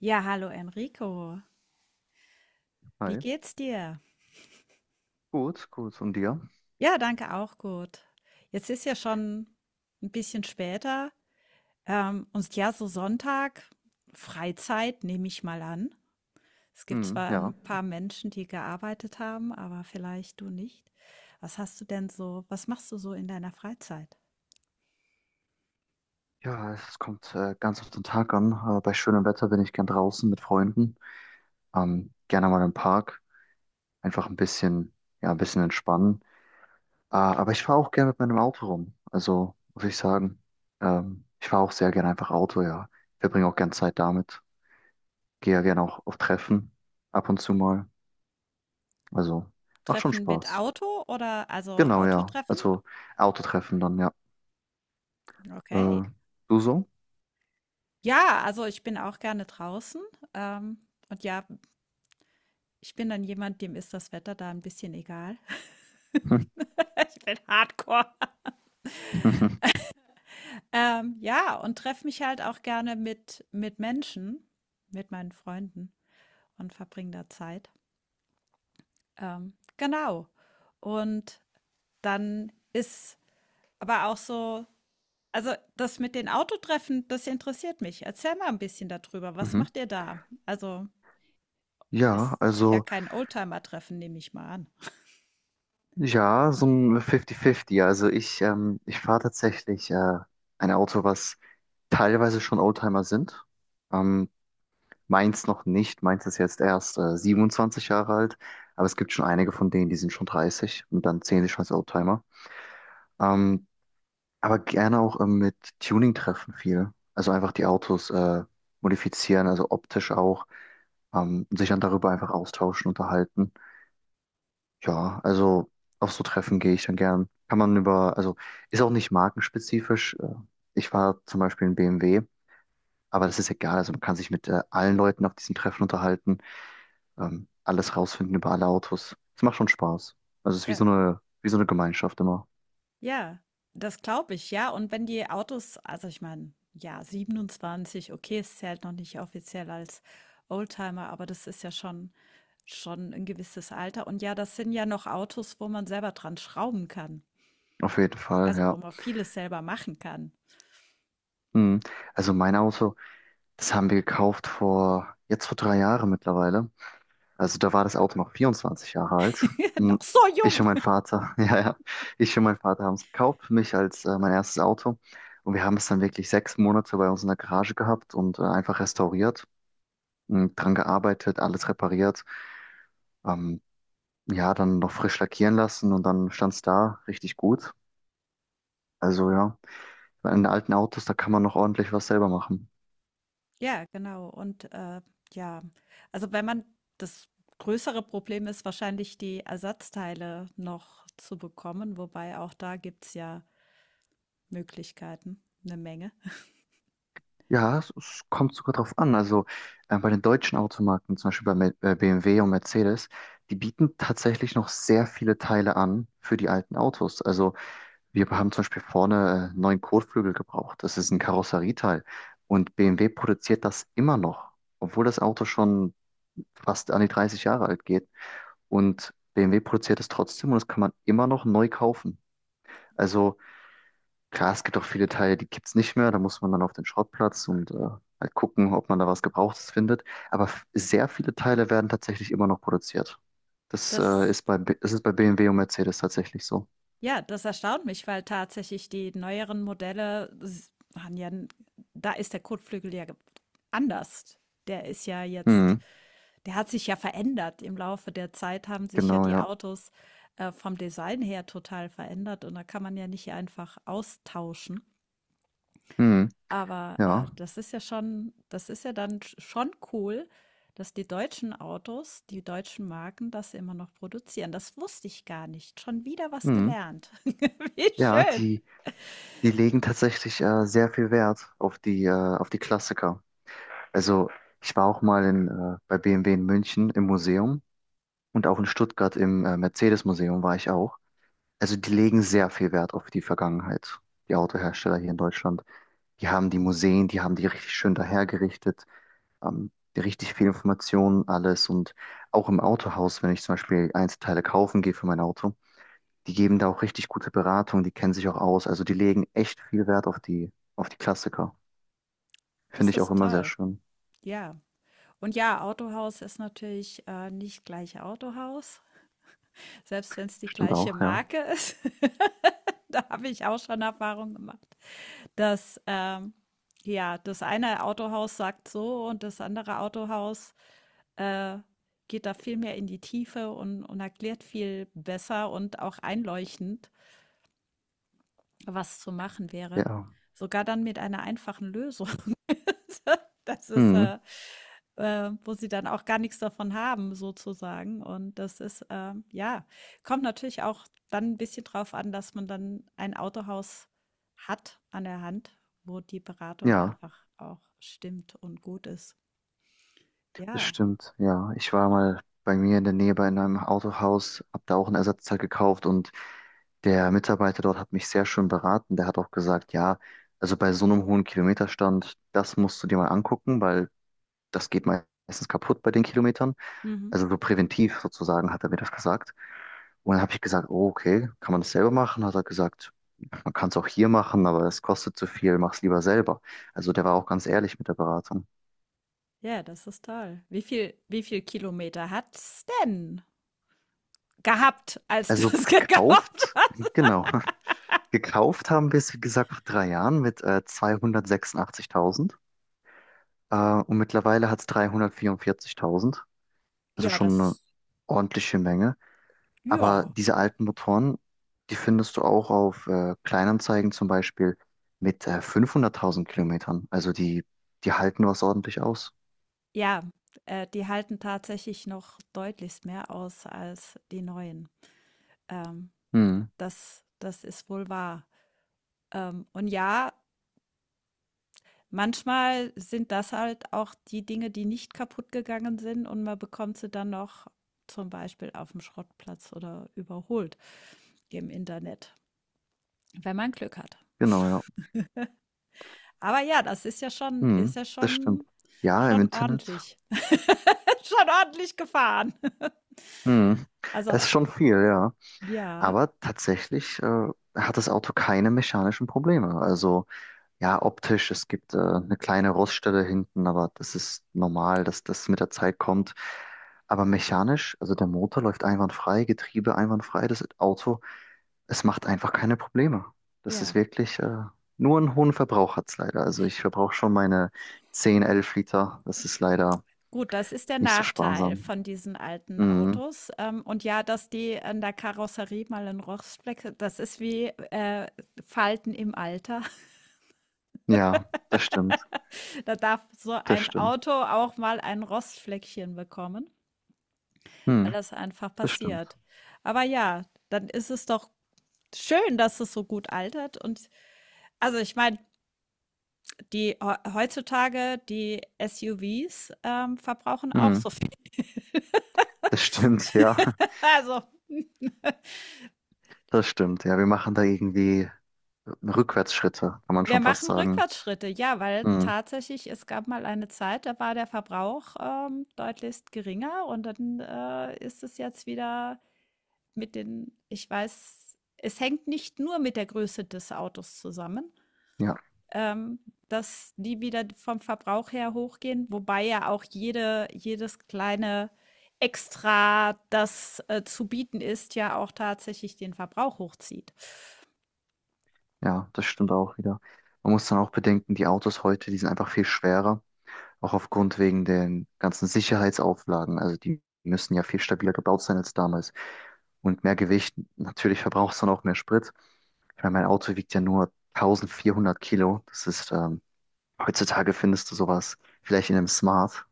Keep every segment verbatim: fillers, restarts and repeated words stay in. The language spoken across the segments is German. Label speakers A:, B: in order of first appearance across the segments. A: Ja, hallo Enrico. Wie
B: Hi.
A: geht's dir?
B: Gut, gut. Und dir?
A: Ja, danke auch gut. Jetzt ist ja schon ein bisschen später. Ähm, und ja, so Sonntag, Freizeit nehme ich mal an. Es gibt
B: Hm,
A: zwar
B: ja.
A: ein paar Menschen, die gearbeitet haben, aber vielleicht du nicht. Was hast du denn so, was machst du so in deiner Freizeit?
B: Ja, es kommt äh, ganz auf den Tag an. Äh, bei schönem Wetter bin ich gern draußen mit Freunden. Ähm, gerne mal im Park. Einfach ein bisschen, ja, ein bisschen entspannen. Äh, aber ich fahre auch gerne mit meinem Auto rum. Also muss ich sagen, ähm, ich fahre auch sehr gerne einfach Auto, ja. Verbringe auch gern Zeit damit. Gehe ja gerne auch auf Treffen ab und zu mal. Also macht schon
A: Treffen mit
B: Spaß.
A: Auto oder also
B: Genau, ja.
A: Autotreffen?
B: Also Autotreffen dann, ja.
A: Okay.
B: Äh, Du so?
A: Ja, also ich bin auch gerne draußen. Ähm, und ja, ich bin dann jemand, dem ist das Wetter da ein bisschen egal. Ich bin Hardcore. Ähm, ja, und treffe mich halt auch gerne mit mit Menschen, mit meinen Freunden und verbringe da Zeit. Ähm, genau. Und dann ist aber auch so, also, das mit den Autotreffen, das interessiert mich. Erzähl mal ein bisschen darüber. Was
B: Mhm.
A: macht ihr da? Also,
B: Ja,
A: es ist ja
B: also
A: kein Oldtimer-Treffen, nehme ich mal an.
B: ja, so ein fünfzig fünfzig. Also ich, ähm, ich fahre tatsächlich äh, ein Auto, was teilweise schon Oldtimer sind. Ähm, Meins noch nicht. Meins ist jetzt erst äh, siebenundzwanzig Jahre alt, aber es gibt schon einige von denen, die sind schon dreißig und dann zählen sie schon als Oldtimer. Ähm, aber gerne auch ähm, mit Tuning treffen viel. Also einfach die Autos äh, modifizieren, also optisch auch, ähm, und sich dann darüber einfach austauschen, unterhalten. Ja, also auf so Treffen gehe ich dann gern. Kann man über, also ist auch nicht markenspezifisch. Äh, Ich war zum Beispiel in B M W, aber das ist egal. Also man kann sich mit äh, allen Leuten auf diesen Treffen unterhalten, ähm, alles rausfinden über alle Autos. Es macht schon Spaß. Also es ist wie
A: Ja.
B: so eine, wie so eine Gemeinschaft immer.
A: Ja, das glaube ich, ja. Und wenn die Autos, also ich meine, ja, siebenundzwanzig, okay, es zählt noch nicht offiziell als Oldtimer, aber das ist ja schon schon ein gewisses Alter. Und ja, das sind ja noch Autos, wo man selber dran schrauben kann,
B: Auf jeden Fall,
A: also wo
B: ja.
A: man vieles selber machen kann.
B: Mhm. Also mein Auto, das haben wir gekauft vor, jetzt vor drei Jahren mittlerweile. Also da war das Auto noch vierundzwanzig Jahre alt. Hm,
A: Noch so
B: ich
A: jung.
B: und mein Vater, ja, ja, ich und mein Vater haben es gekauft für mich als äh, mein erstes Auto. Und wir haben es dann wirklich sechs Monate bei uns in der Garage gehabt und äh, einfach restauriert, hm, dran gearbeitet, alles repariert. Ähm, ja, dann noch frisch lackieren lassen und dann stand es da richtig gut. Also ja, bei den alten Autos, da kann man noch ordentlich was selber machen.
A: Ja, genau. Und, äh, ja, also wenn man das größere Problem ist wahrscheinlich, die Ersatzteile noch zu bekommen, wobei auch da gibt's ja Möglichkeiten, eine Menge.
B: Ja, es, es kommt sogar drauf an. Also äh, bei den deutschen Automarken, zum Beispiel bei Me- äh, B M W und Mercedes, die bieten tatsächlich noch sehr viele Teile an für die alten Autos. Also wir haben zum Beispiel vorne äh, neuen Kotflügel gebraucht. Das ist ein Karosserieteil. Und B M W produziert das immer noch, obwohl das Auto schon fast an die dreißig Jahre alt geht. Und B M W produziert es trotzdem und das kann man immer noch neu kaufen. Also klar, es gibt auch viele Teile, die gibt's nicht mehr. Da muss man dann auf den Schrottplatz und äh, halt gucken, ob man da was Gebrauchtes findet. Aber f- sehr viele Teile werden tatsächlich immer noch produziert. Das äh,
A: Das,
B: ist bei, B- das ist bei B M W und Mercedes tatsächlich so.
A: ja, das erstaunt mich, weil tatsächlich die neueren Modelle haben ja, da ist der Kotflügel ja anders. Der ist ja jetzt,
B: Hm,
A: der hat sich ja verändert. Im Laufe der Zeit haben sich ja
B: genau,
A: die
B: ja.
A: Autos äh, vom Design her total verändert und da kann man ja nicht einfach austauschen.
B: Hm,
A: Aber, äh,
B: ja.
A: das ist ja schon, das ist ja dann sch schon cool, dass die deutschen Autos, die deutschen Marken das immer noch produzieren. Das wusste ich gar nicht. Schon wieder was
B: Hm.
A: gelernt. Wie
B: Ja,
A: schön.
B: die, die legen tatsächlich äh, sehr viel Wert auf die, äh, auf die Klassiker. Also ich war auch mal in, äh, bei B M W in München im Museum und auch in Stuttgart im äh, Mercedes-Museum war ich auch. Also die legen sehr viel Wert auf die Vergangenheit, die Autohersteller hier in Deutschland. Die haben die Museen, die haben die richtig schön dahergerichtet, ähm, die richtig viel Informationen, alles. Und auch im Autohaus, wenn ich zum Beispiel Einzelteile kaufen gehe für mein Auto, die geben da auch richtig gute Beratung, die kennen sich auch aus. Also die legen echt viel Wert auf die, auf die Klassiker. Finde
A: Das
B: ich auch
A: ist
B: immer sehr
A: toll.
B: schön.
A: Ja. Und ja, Autohaus ist natürlich, äh, nicht gleich Autohaus, selbst wenn es die
B: Stimmt
A: gleiche
B: auch, ja.
A: Marke ist. Da habe ich auch schon Erfahrung gemacht, dass, ähm, ja, das eine Autohaus sagt so und das andere Autohaus äh, geht da viel mehr in die Tiefe und, und erklärt viel besser und auch einleuchtend, was zu machen wäre.
B: Ja.
A: Sogar dann mit einer einfachen Lösung. Das ist,
B: Hm,
A: äh, äh, wo sie dann auch gar nichts davon haben, sozusagen. Und das ist, äh, ja, kommt natürlich auch dann ein bisschen drauf an, dass man dann ein Autohaus hat an der Hand, wo die Beratung
B: ja.
A: einfach auch stimmt und gut ist.
B: Das
A: Ja.
B: stimmt, ja. Ich war mal bei mir in der Nähe bei einem Autohaus, habe da auch ein Ersatzteil gekauft und der Mitarbeiter dort hat mich sehr schön beraten. Der hat auch gesagt, ja, also bei so einem hohen Kilometerstand, das musst du dir mal angucken, weil das geht meistens kaputt bei den Kilometern.
A: Mhm.
B: Also so präventiv sozusagen hat er mir das gesagt. Und dann habe ich gesagt, oh, okay, kann man das selber machen? Hat er gesagt, man kann es auch hier machen, aber es kostet zu viel, mach's lieber selber. Also der war auch ganz ehrlich mit der Beratung.
A: Ja, das ist toll. Wie viel, wie viel Kilometer hat's denn gehabt, als du
B: Also
A: es gekauft
B: gekauft,
A: hast?
B: genau. Gekauft haben wir es, wie gesagt, vor drei Jahren mit äh, zweihundertsechsundachtzigtausend äh, und mittlerweile hat es dreihundertvierundvierzigtausend. Also
A: Ja,
B: schon eine
A: das,
B: ordentliche Menge. Aber
A: ja.
B: diese alten Motoren, die findest du auch auf äh, Kleinanzeigen zum Beispiel mit äh, fünfhunderttausend Kilometern. Also die, die halten was ordentlich aus.
A: Ja, äh, die halten tatsächlich noch deutlichst mehr aus als die neuen. Ähm,
B: Hm,
A: das, das ist wohl wahr. Ähm, und ja, manchmal sind das halt auch die Dinge, die nicht kaputt gegangen sind und man bekommt sie dann noch zum Beispiel auf dem Schrottplatz oder überholt im Internet, wenn man Glück hat.
B: genau, ja.
A: Aber ja, das ist ja schon,
B: Hm,
A: ist ja
B: das stimmt.
A: schon
B: Ja, im
A: schon
B: Internet.
A: ordentlich. Schon ordentlich gefahren.
B: Hm,
A: Also,
B: es ist schon viel, ja.
A: ja,
B: Aber tatsächlich äh, hat das Auto keine mechanischen Probleme. Also ja, optisch, es gibt äh, eine kleine Roststelle hinten, aber das ist normal, dass das mit der Zeit kommt. Aber mechanisch, also der Motor läuft einwandfrei, Getriebe einwandfrei, das Auto, es macht einfach keine Probleme. Das ist
A: ja.
B: wirklich äh, nur einen hohen Verbrauch hat's leider. Also ich verbrauche schon meine zehn Elf Liter. Das ist leider
A: Gut, das ist der
B: nicht so
A: Nachteil
B: sparsam.
A: von diesen alten
B: Mhm.
A: Autos. Ähm, und ja, dass die an der Karosserie mal 'n Rostfleck, das ist wie, äh, Falten im Alter.
B: Ja, das stimmt,
A: Da darf so
B: das
A: ein
B: stimmt.
A: Auto auch mal ein Rostfleckchen bekommen, weil
B: Mhm.
A: das einfach
B: Das stimmt.
A: passiert. Aber ja, dann ist es doch schön, dass es so gut altert und, also, ich meine, die heu heutzutage die S U Vs, ähm, verbrauchen auch
B: Mhm.
A: so viel.
B: Das stimmt, ja.
A: Also,
B: Das stimmt, ja. Wir machen da irgendwie Rückwärtsschritte, kann man
A: wir
B: schon fast
A: machen
B: sagen.
A: Rückwärtsschritte, ja, weil
B: Mhm.
A: tatsächlich es gab mal eine Zeit, da war der Verbrauch, ähm, deutlichst geringer und dann, äh, ist es jetzt wieder mit den, ich weiß, es hängt nicht nur mit der Größe des Autos zusammen.
B: Ja,
A: ähm, dass die wieder vom Verbrauch her hochgehen, wobei ja auch jede, jedes kleine Extra, das äh, zu bieten ist, ja auch tatsächlich den Verbrauch hochzieht.
B: ja, das stimmt auch wieder. Man muss dann auch bedenken, die Autos heute, die sind einfach viel schwerer, auch aufgrund wegen den ganzen Sicherheitsauflagen. Also die müssen ja viel stabiler gebaut sein als damals. Und mehr Gewicht, natürlich verbraucht es dann auch mehr Sprit. Ich meine, mein Auto wiegt ja nur eintausendvierhundert Kilo. Das ist, ähm, heutzutage findest du sowas vielleicht in einem Smart.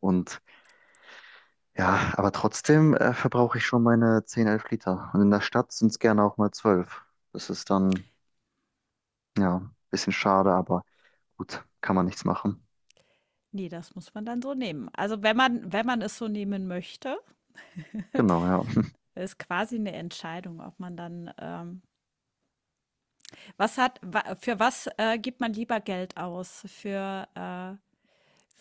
B: Und ja, aber trotzdem äh, verbrauche ich schon meine zehn, elf Liter. Und in der Stadt sind es gerne auch mal zwölf. Das ist dann, ja, ein bisschen schade, aber gut, kann man nichts machen.
A: Ne, das muss man dann so nehmen. Also, wenn man, wenn man es so nehmen möchte,
B: Genau, ja.
A: ist quasi eine Entscheidung, ob man dann, ähm was hat wa für was, äh, gibt man lieber Geld aus? Für, äh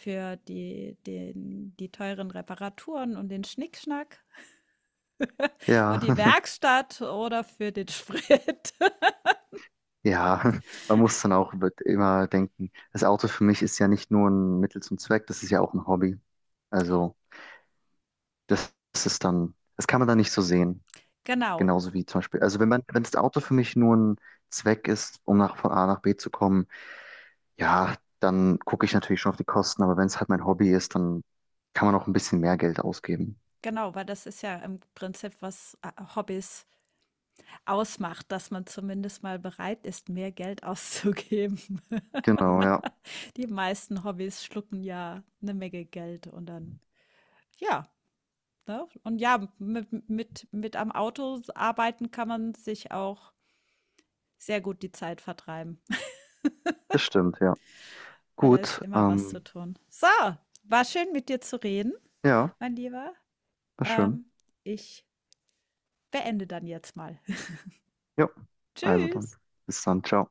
A: für die den die teuren Reparaturen und den Schnickschnack
B: Ja,
A: und die Werkstatt oder für den Sprit?
B: ja, man muss dann auch wird immer denken, das Auto für mich ist ja nicht nur ein Mittel zum Zweck, das ist ja auch ein Hobby. Also, das, das ist dann, das kann man dann nicht so sehen.
A: Genau,
B: Genauso wie zum Beispiel, also wenn man, wenn das Auto für mich nur ein Zweck ist, um nach, von A nach B zu kommen, ja, dann gucke ich natürlich schon auf die Kosten, aber wenn es halt mein Hobby ist, dann kann man auch ein bisschen mehr Geld ausgeben.
A: genau, weil das ist ja im Prinzip was, äh Hobbys ausmacht, dass man zumindest mal bereit ist, mehr Geld auszugeben.
B: Genau, ja.
A: Die meisten Hobbys schlucken ja eine Menge Geld und dann, ja, ne? Und ja, mit mit mit am Auto arbeiten kann man sich auch sehr gut die Zeit vertreiben,
B: Das stimmt, ja.
A: weil da ist
B: Gut,
A: immer was zu
B: ähm,
A: tun. So, war schön, mit dir zu reden,
B: ja,
A: mein Lieber.
B: war schön.
A: Ähm, ich beende dann jetzt mal.
B: Ja, also
A: Tschüss.
B: dann. Bis dann, ciao.